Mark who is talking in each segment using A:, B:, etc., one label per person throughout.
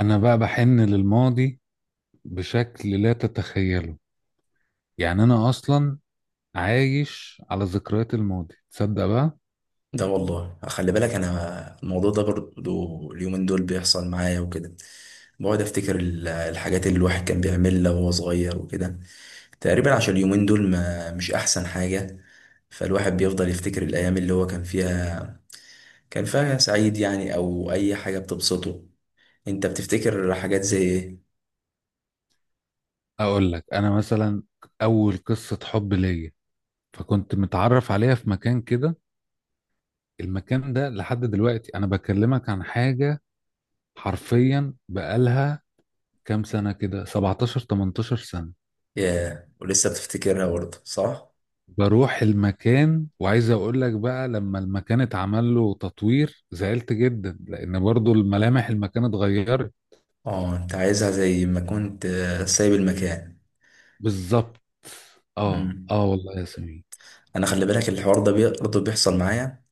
A: انا بقى بحن للماضي بشكل لا تتخيله. يعني انا اصلا عايش على ذكريات الماضي، تصدق بقى؟
B: ده والله، خلي بالك انا الموضوع ده برضو اليومين دول بيحصل معايا وكده. بقعد افتكر الحاجات اللي الواحد كان بيعملها وهو صغير وكده، تقريبا عشان اليومين دول ما مش احسن حاجة. فالواحد بيفضل يفتكر الايام اللي هو كان فيها سعيد يعني، او اي حاجة بتبسطه. انت بتفتكر حاجات زي ايه؟
A: اقول لك، انا مثلا اول قصة حب ليا فكنت متعرف عليها في مكان كده. المكان ده لحد دلوقتي، انا بكلمك عن حاجة حرفيا بقالها كام سنة كده، 17 18 سنة.
B: ياه، ولسه بتفتكرها برضه صح؟
A: بروح المكان وعايز اقول لك بقى لما المكان اتعمل له تطوير زعلت جدا، لان برضو الملامح المكان اتغيرت.
B: اه، انت عايزها زي ما كنت، سايب المكان.
A: بالظبط. اه
B: مم.
A: اه والله يا سمير.
B: انا خلي بالك الحوار ده برضه بيحصل معايا.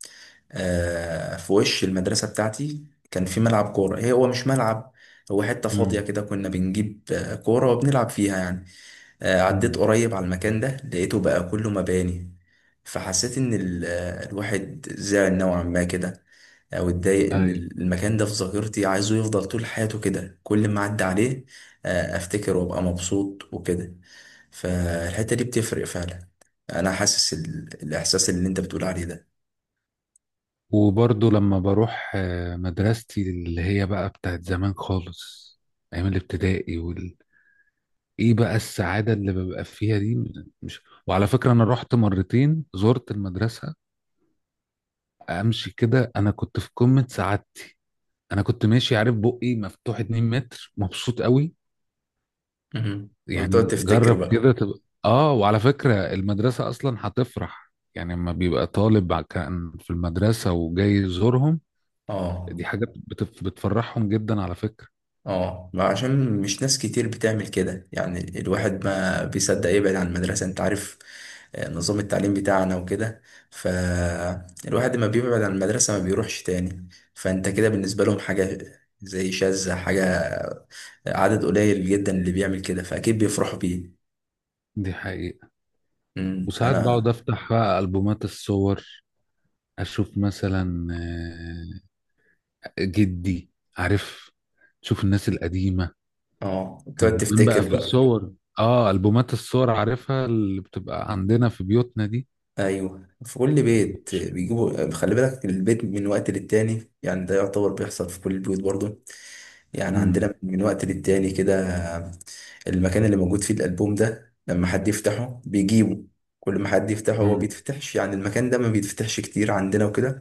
B: في وش المدرسة بتاعتي كان في ملعب كورة، هو مش ملعب، هو حتة فاضية
A: امم.
B: كده، كنا بنجيب كورة وبنلعب فيها يعني. عديت
A: امم.
B: قريب على المكان ده لقيته بقى كله مباني. فحسيت إن الواحد زعل نوعا ما كده، أو اتضايق إن
A: ايوه.
B: المكان ده في ذاكرتي عايزه يفضل طول حياته كده، كل ما أعدي عليه أفتكر وأبقى مبسوط وكده. فالحتة دي بتفرق فعلا، أنا حاسس الإحساس اللي أنت بتقول عليه ده.
A: وبرضه لما بروح مدرستي اللي هي بقى بتاعت زمان خالص، ايام الابتدائي ايه بقى السعادة اللي ببقى فيها دي؟ مش، وعلى فكرة انا رحت مرتين، زرت المدرسة، امشي كده انا كنت في قمة سعادتي. انا كنت ماشي عارف بقي مفتوح 2 متر، مبسوط قوي.
B: مهم. وبتقعد
A: يعني
B: تفتكر
A: جرب
B: بقى.
A: كده تبقى. اه، وعلى فكرة المدرسة اصلا هتفرح، يعني لما بيبقى طالب كان في المدرسة وجاي يزورهم.
B: اه
A: دي حاجة بتفرحهم جدا على فكرة.
B: اه، ما عشان مش ناس كتير بتعمل كده، يعني الواحد ما بيصدق يبعد عن المدرسة، انت عارف نظام التعليم بتاعنا وكده. فالواحد ما بيبعد عن المدرسة، ما بيروحش تاني، فانت كده بالنسبة لهم حاجة زي شاذة، حاجة عدد قليل جدا اللي بيعمل كده، فأكيد بيفرحوا بيه.
A: دي حقيقة.
B: مم.
A: وساعات بقعد افتح بقى ألبومات الصور، اشوف مثلا جدي، عارف، تشوف الناس القديمة،
B: اه، تقعد
A: كان زمان بقى
B: تفتكر
A: في
B: بقى.
A: صور. اه، ألبومات الصور عارفها اللي بتبقى عندنا في بيوتنا دي.
B: ايوه، في كل بيت
A: بتش-
B: بيجيبوا، خلي بالك البيت من وقت للتاني، يعني ده يعتبر بيحصل في كل البيوت برضه، يعني
A: مم.
B: عندنا من وقت للتاني كده. المكان اللي موجود فيه الالبوم ده لما حد يفتحه بيجيبه، كل ما حد يفتحه هو
A: مم.
B: بيتفتحش، يعني المكان ده ما بيتفتحش كتير عندنا وكده.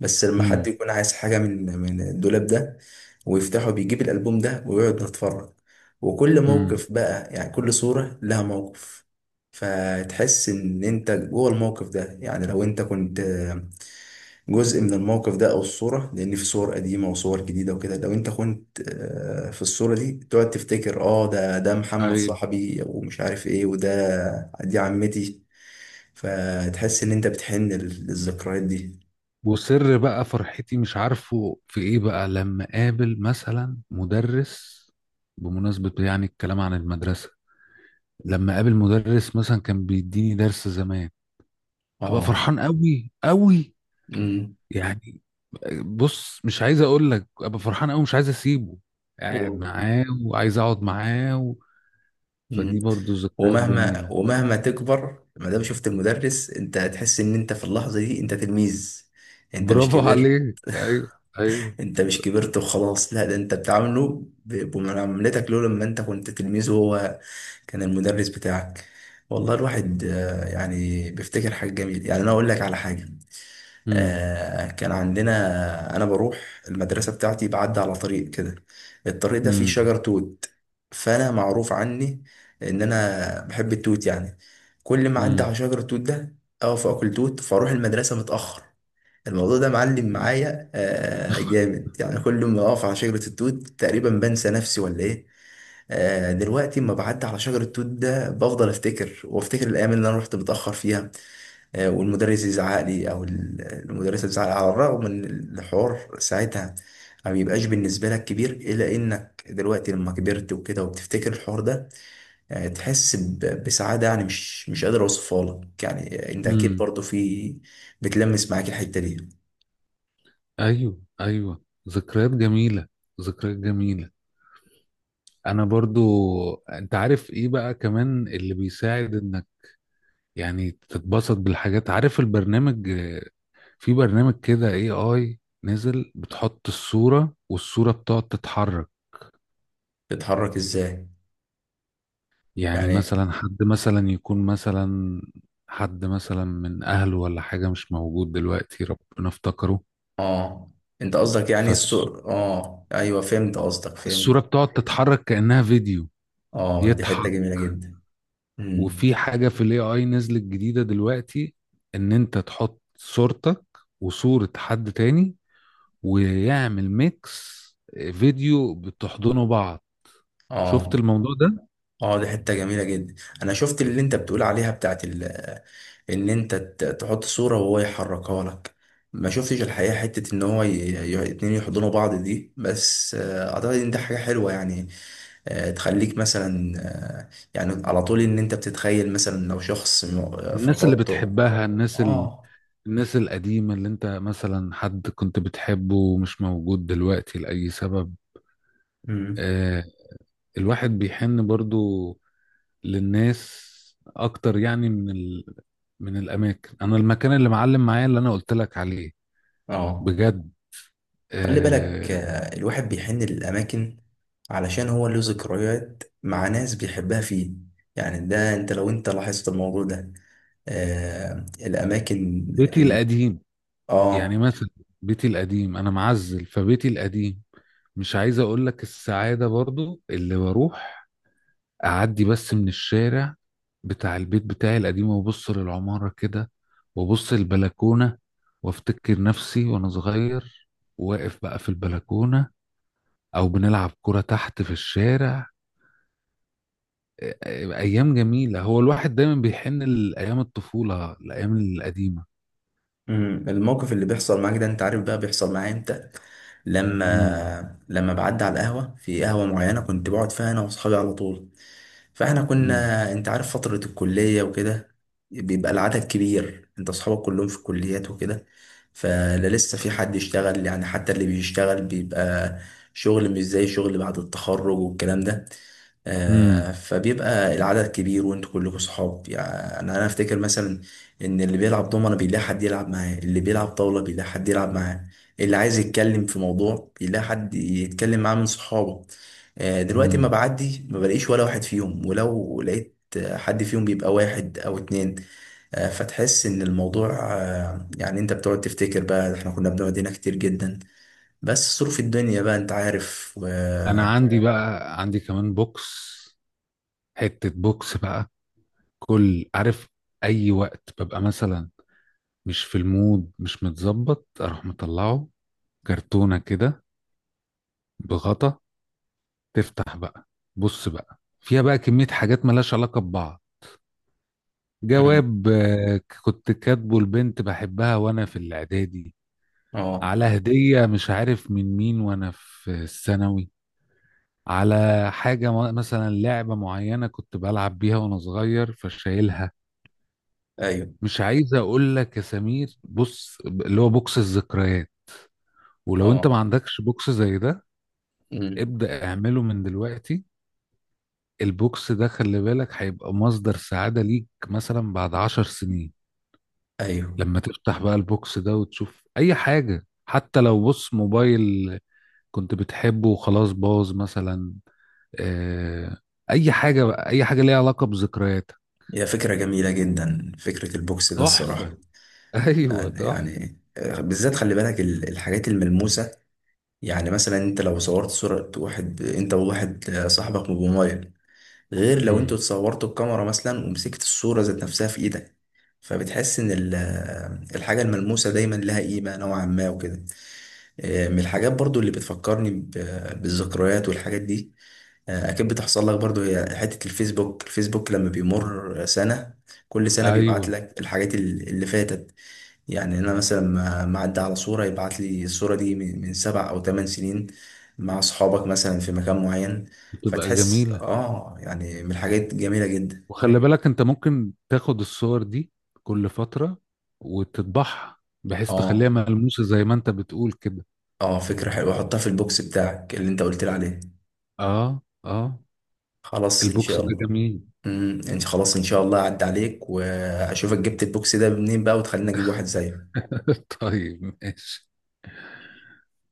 B: بس لما حد
A: مم.
B: يكون عايز حاجة من الدولاب ده ويفتحه بيجيب الألبوم ده ويقعد نتفرج، وكل
A: مم.
B: موقف بقى يعني كل صورة لها موقف، فتحس إن أنت جوه الموقف ده. يعني لو أنت كنت جزء من الموقف ده أو الصورة، لأن في صور قديمة وصور جديدة وكده، لو أنت كنت في الصورة دي تقعد تفتكر، ده محمد
A: ايوه.
B: صاحبي، ومش عارف إيه، دي عمتي. فتحس إن أنت بتحن للذكريات دي.
A: وسر بقى فرحتي مش عارفه في ايه بقى لما قابل مثلا مدرس، بمناسبة يعني الكلام عن المدرسة. لما قابل مدرس مثلا كان بيديني درس زمان، ابقى
B: آه
A: فرحان قوي قوي. يعني بص، مش عايز اقول لك، ابقى فرحان قوي، مش عايز اسيبه، قاعد
B: و...
A: معاه وعايز اقعد معاه و...
B: مم.
A: فدي برضو ذكريات
B: ومهما
A: جميلة.
B: ومهما تكبر، ما دام شفت المدرس انت هتحس ان انت في اللحظه دي انت تلميذ، انت مش
A: برافو
B: كبرت.
A: عليك، ايوه، ايوه.
B: انت مش كبرت وخلاص، لا ده انت بتعامله بمعاملتك له لما انت كنت تلميذ، وهو كان المدرس بتاعك. والله الواحد يعني بيفتكر حاجه جميله، يعني انا اقول لك على حاجه.
A: امم.
B: كان عندنا، انا بروح المدرسه بتاعتي بعدي على طريق كده، الطريق ده فيه
A: امم.
B: شجر توت، فانا معروف عني ان انا بحب التوت يعني، كل ما اعدي على شجر التوت ده اقف اكل توت، فاروح المدرسه متاخر. الموضوع ده معلم معايا جامد، يعني كل ما اقف على شجره التوت تقريبا بنسى نفسي ولا ايه. دلوقتي اما بعدي على شجر التوت ده بفضل افتكر وافتكر الايام اللي انا رحت متاخر فيها، والمدرس يزعق لي او المدرسه تزعق لي، على الرغم ان الحوار ساعتها ما بيبقاش بالنسبه لك كبير، الا انك دلوقتي لما كبرت وكده وبتفتكر الحوار ده تحس بسعاده، يعني مش قادر اوصفها لك، يعني انت اكيد
A: امم.
B: برضو في بتلمس معاك الحته دي.
A: ايوه، ايوه. ذكريات جميله. ذكريات جميله. انا برضو. انت عارف ايه بقى كمان اللي بيساعد انك يعني تتبسط بالحاجات؟ عارف البرنامج في برنامج كده اي اي نزل، بتحط الصوره والصوره بتقعد تتحرك.
B: بتتحرك ازاي؟
A: يعني
B: يعني
A: مثلا حد مثلا يكون مثلا حد مثلا من اهله ولا حاجه مش موجود دلوقتي، ربنا افتكره.
B: اه، انت قصدك يعني
A: فالصوره
B: السوق، اه ايوه فهمت قصدك، فهمت.
A: بتقعد تتحرك كانها فيديو.
B: اه دي حته
A: يضحك.
B: جميله جدا. امم
A: وفي حاجة في الاي اي نزلت جديدة دلوقتي، ان انت تحط صورتك وصورة حد تاني ويعمل ميكس، فيديو بتحضنوا بعض. شفت
B: اه
A: الموضوع ده؟
B: اه، دي حتة جميلة جدا. انا شفت اللي انت بتقول عليها بتاعت ان انت تحط صورة وهو يحركها لك، ما شفتش الحقيقة حتة ان هو اتنين يحضنوا بعض دي، بس اعتقد ان ده حاجة حلوة يعني، تخليك مثلا يعني على طول ان انت بتتخيل مثلا لو شخص
A: الناس اللي
B: فقدته.
A: بتحبها،
B: اه.
A: الناس القديمة اللي انت مثلا حد كنت بتحبه ومش موجود دلوقتي لأي سبب.
B: مم.
A: آه الواحد بيحن برضو للناس اكتر، يعني من الاماكن. انا المكان اللي معلم معايا اللي انا قلت لك عليه،
B: اه،
A: بجد.
B: خلي بالك
A: آه،
B: الواحد بيحن للأماكن علشان هو له ذكريات مع ناس بيحبها فيه، يعني ده انت لو انت لاحظت الموضوع ده، الأماكن
A: بيتي القديم. يعني
B: اه.
A: مثلا بيتي القديم انا معزل فبيتي القديم. مش عايز اقول لك السعادة برضو اللي بروح اعدي بس من الشارع بتاع البيت بتاعي القديم وابص للعمارة كده، وابص البلكونة وافتكر نفسي وانا صغير واقف بقى في البلكونة، او بنلعب كرة تحت في الشارع. ايام جميلة، هو الواحد دايما بيحن لايام الطفولة، الايام القديمة.
B: الموقف اللي بيحصل معاك ده انت عارف بقى بيحصل معايا امتى.
A: امم.
B: لما بعدي على القهوة، في قهوة معينة كنت بقعد فيها انا واصحابي على طول، فاحنا كنا انت عارف فترة الكلية وكده، بيبقى العدد كبير، انت اصحابك كلهم في الكليات وكده، فلا لسه في حد يشتغل، يعني حتى اللي بيشتغل بيبقى شغل مش زي شغل بعد التخرج والكلام ده.
A: امم.
B: فبيبقى العدد كبير وانتوا كلكم صحاب، يعني انا افتكر مثلا ان اللي بيلعب دومنة بيلاقي حد يلعب معاه، اللي بيلعب طاولة بيلاقي حد يلعب معاه، اللي عايز يتكلم في موضوع بيلاقي حد يتكلم معاه من صحابه. دلوقتي ما
A: امم.
B: بعدي ما بلاقيش ولا واحد فيهم، ولو لقيت حد فيهم بيبقى واحد او اتنين. فتحس ان الموضوع يعني انت بتقعد تفتكر بقى، احنا كنا بنقعد هنا كتير جدا، بس ظروف الدنيا بقى انت عارف
A: انا عندي بقى عندي كمان بوكس، حتة بوكس بقى. كل عارف اي وقت ببقى مثلا مش في المود، مش متظبط، اروح مطلعه كرتونة كده بغطا، تفتح بقى، بص بقى فيها بقى كمية حاجات ملهاش علاقة ببعض.
B: مم.
A: جواب كنت كاتبه لبنت بحبها وانا في الاعدادي.
B: اه،
A: على هدية مش عارف من مين وانا في الثانوي. على حاجة مثلا لعبة معينة كنت بلعب بيها وأنا صغير فشايلها.
B: ايوه،
A: مش عايز أقول لك يا سمير، بص اللي هو بوكس الذكريات. ولو أنت ما
B: اه.
A: عندكش بوكس زي ده،
B: مم.
A: ابدأ اعمله من دلوقتي. البوكس ده خلي بالك هيبقى مصدر سعادة ليك مثلا بعد 10 سنين.
B: ايوه،
A: لما تفتح بقى البوكس ده وتشوف أي حاجة، حتى لو بص موبايل كنت بتحبه وخلاص باظ مثلا، آه، أي حاجة بقى، أي حاجة ليها علاقة بذكرياتك.
B: هي فكرة جميلة جدا، فكرة البوكس ده الصراحة.
A: تحفة. ايوه
B: يعني,
A: تحفه.
B: يعني بالذات خلي بالك الحاجات الملموسة، يعني مثلا انت لو صورت صورة، واحد انت وواحد صاحبك بموبايل، غير لو انتوا
A: امم.
B: اتصورتوا بكاميرا مثلا ومسكت الصورة ذات نفسها في ايدك، فبتحس ان الحاجة الملموسة دايما لها قيمة نوعا ما وكده. من الحاجات برضو اللي بتفكرني بالذكريات والحاجات دي، اكيد بتحصل لك برضو، هي حتة الفيسبوك، لما بيمر سنة كل سنة بيبعت
A: ايوه.
B: لك الحاجات اللي فاتت. يعني انا مثلا ما عدى على صورة يبعت لي الصورة دي من 7 أو 8 سنين مع اصحابك مثلا في مكان معين،
A: بتبقى
B: فتحس
A: جميله.
B: اه، يعني من الحاجات جميلة جدا.
A: وخلي بالك انت ممكن تاخد الصور دي كل فتره وتطبعها، بحيث تخليها
B: اه
A: ملموسه زي ما انت بتقول كده.
B: اه، فكرة حلوة، حطها في البوكس بتاعك اللي انت قلت لي عليه.
A: اه، اه.
B: خلاص ان
A: البوكس
B: شاء
A: ده
B: الله.
A: جميل.
B: انت خلاص ان شاء الله، عدى عليك واشوفك جبت البوكس ده منين بقى، وتخليني اجيب واحد زيك.
A: طيب ماشي.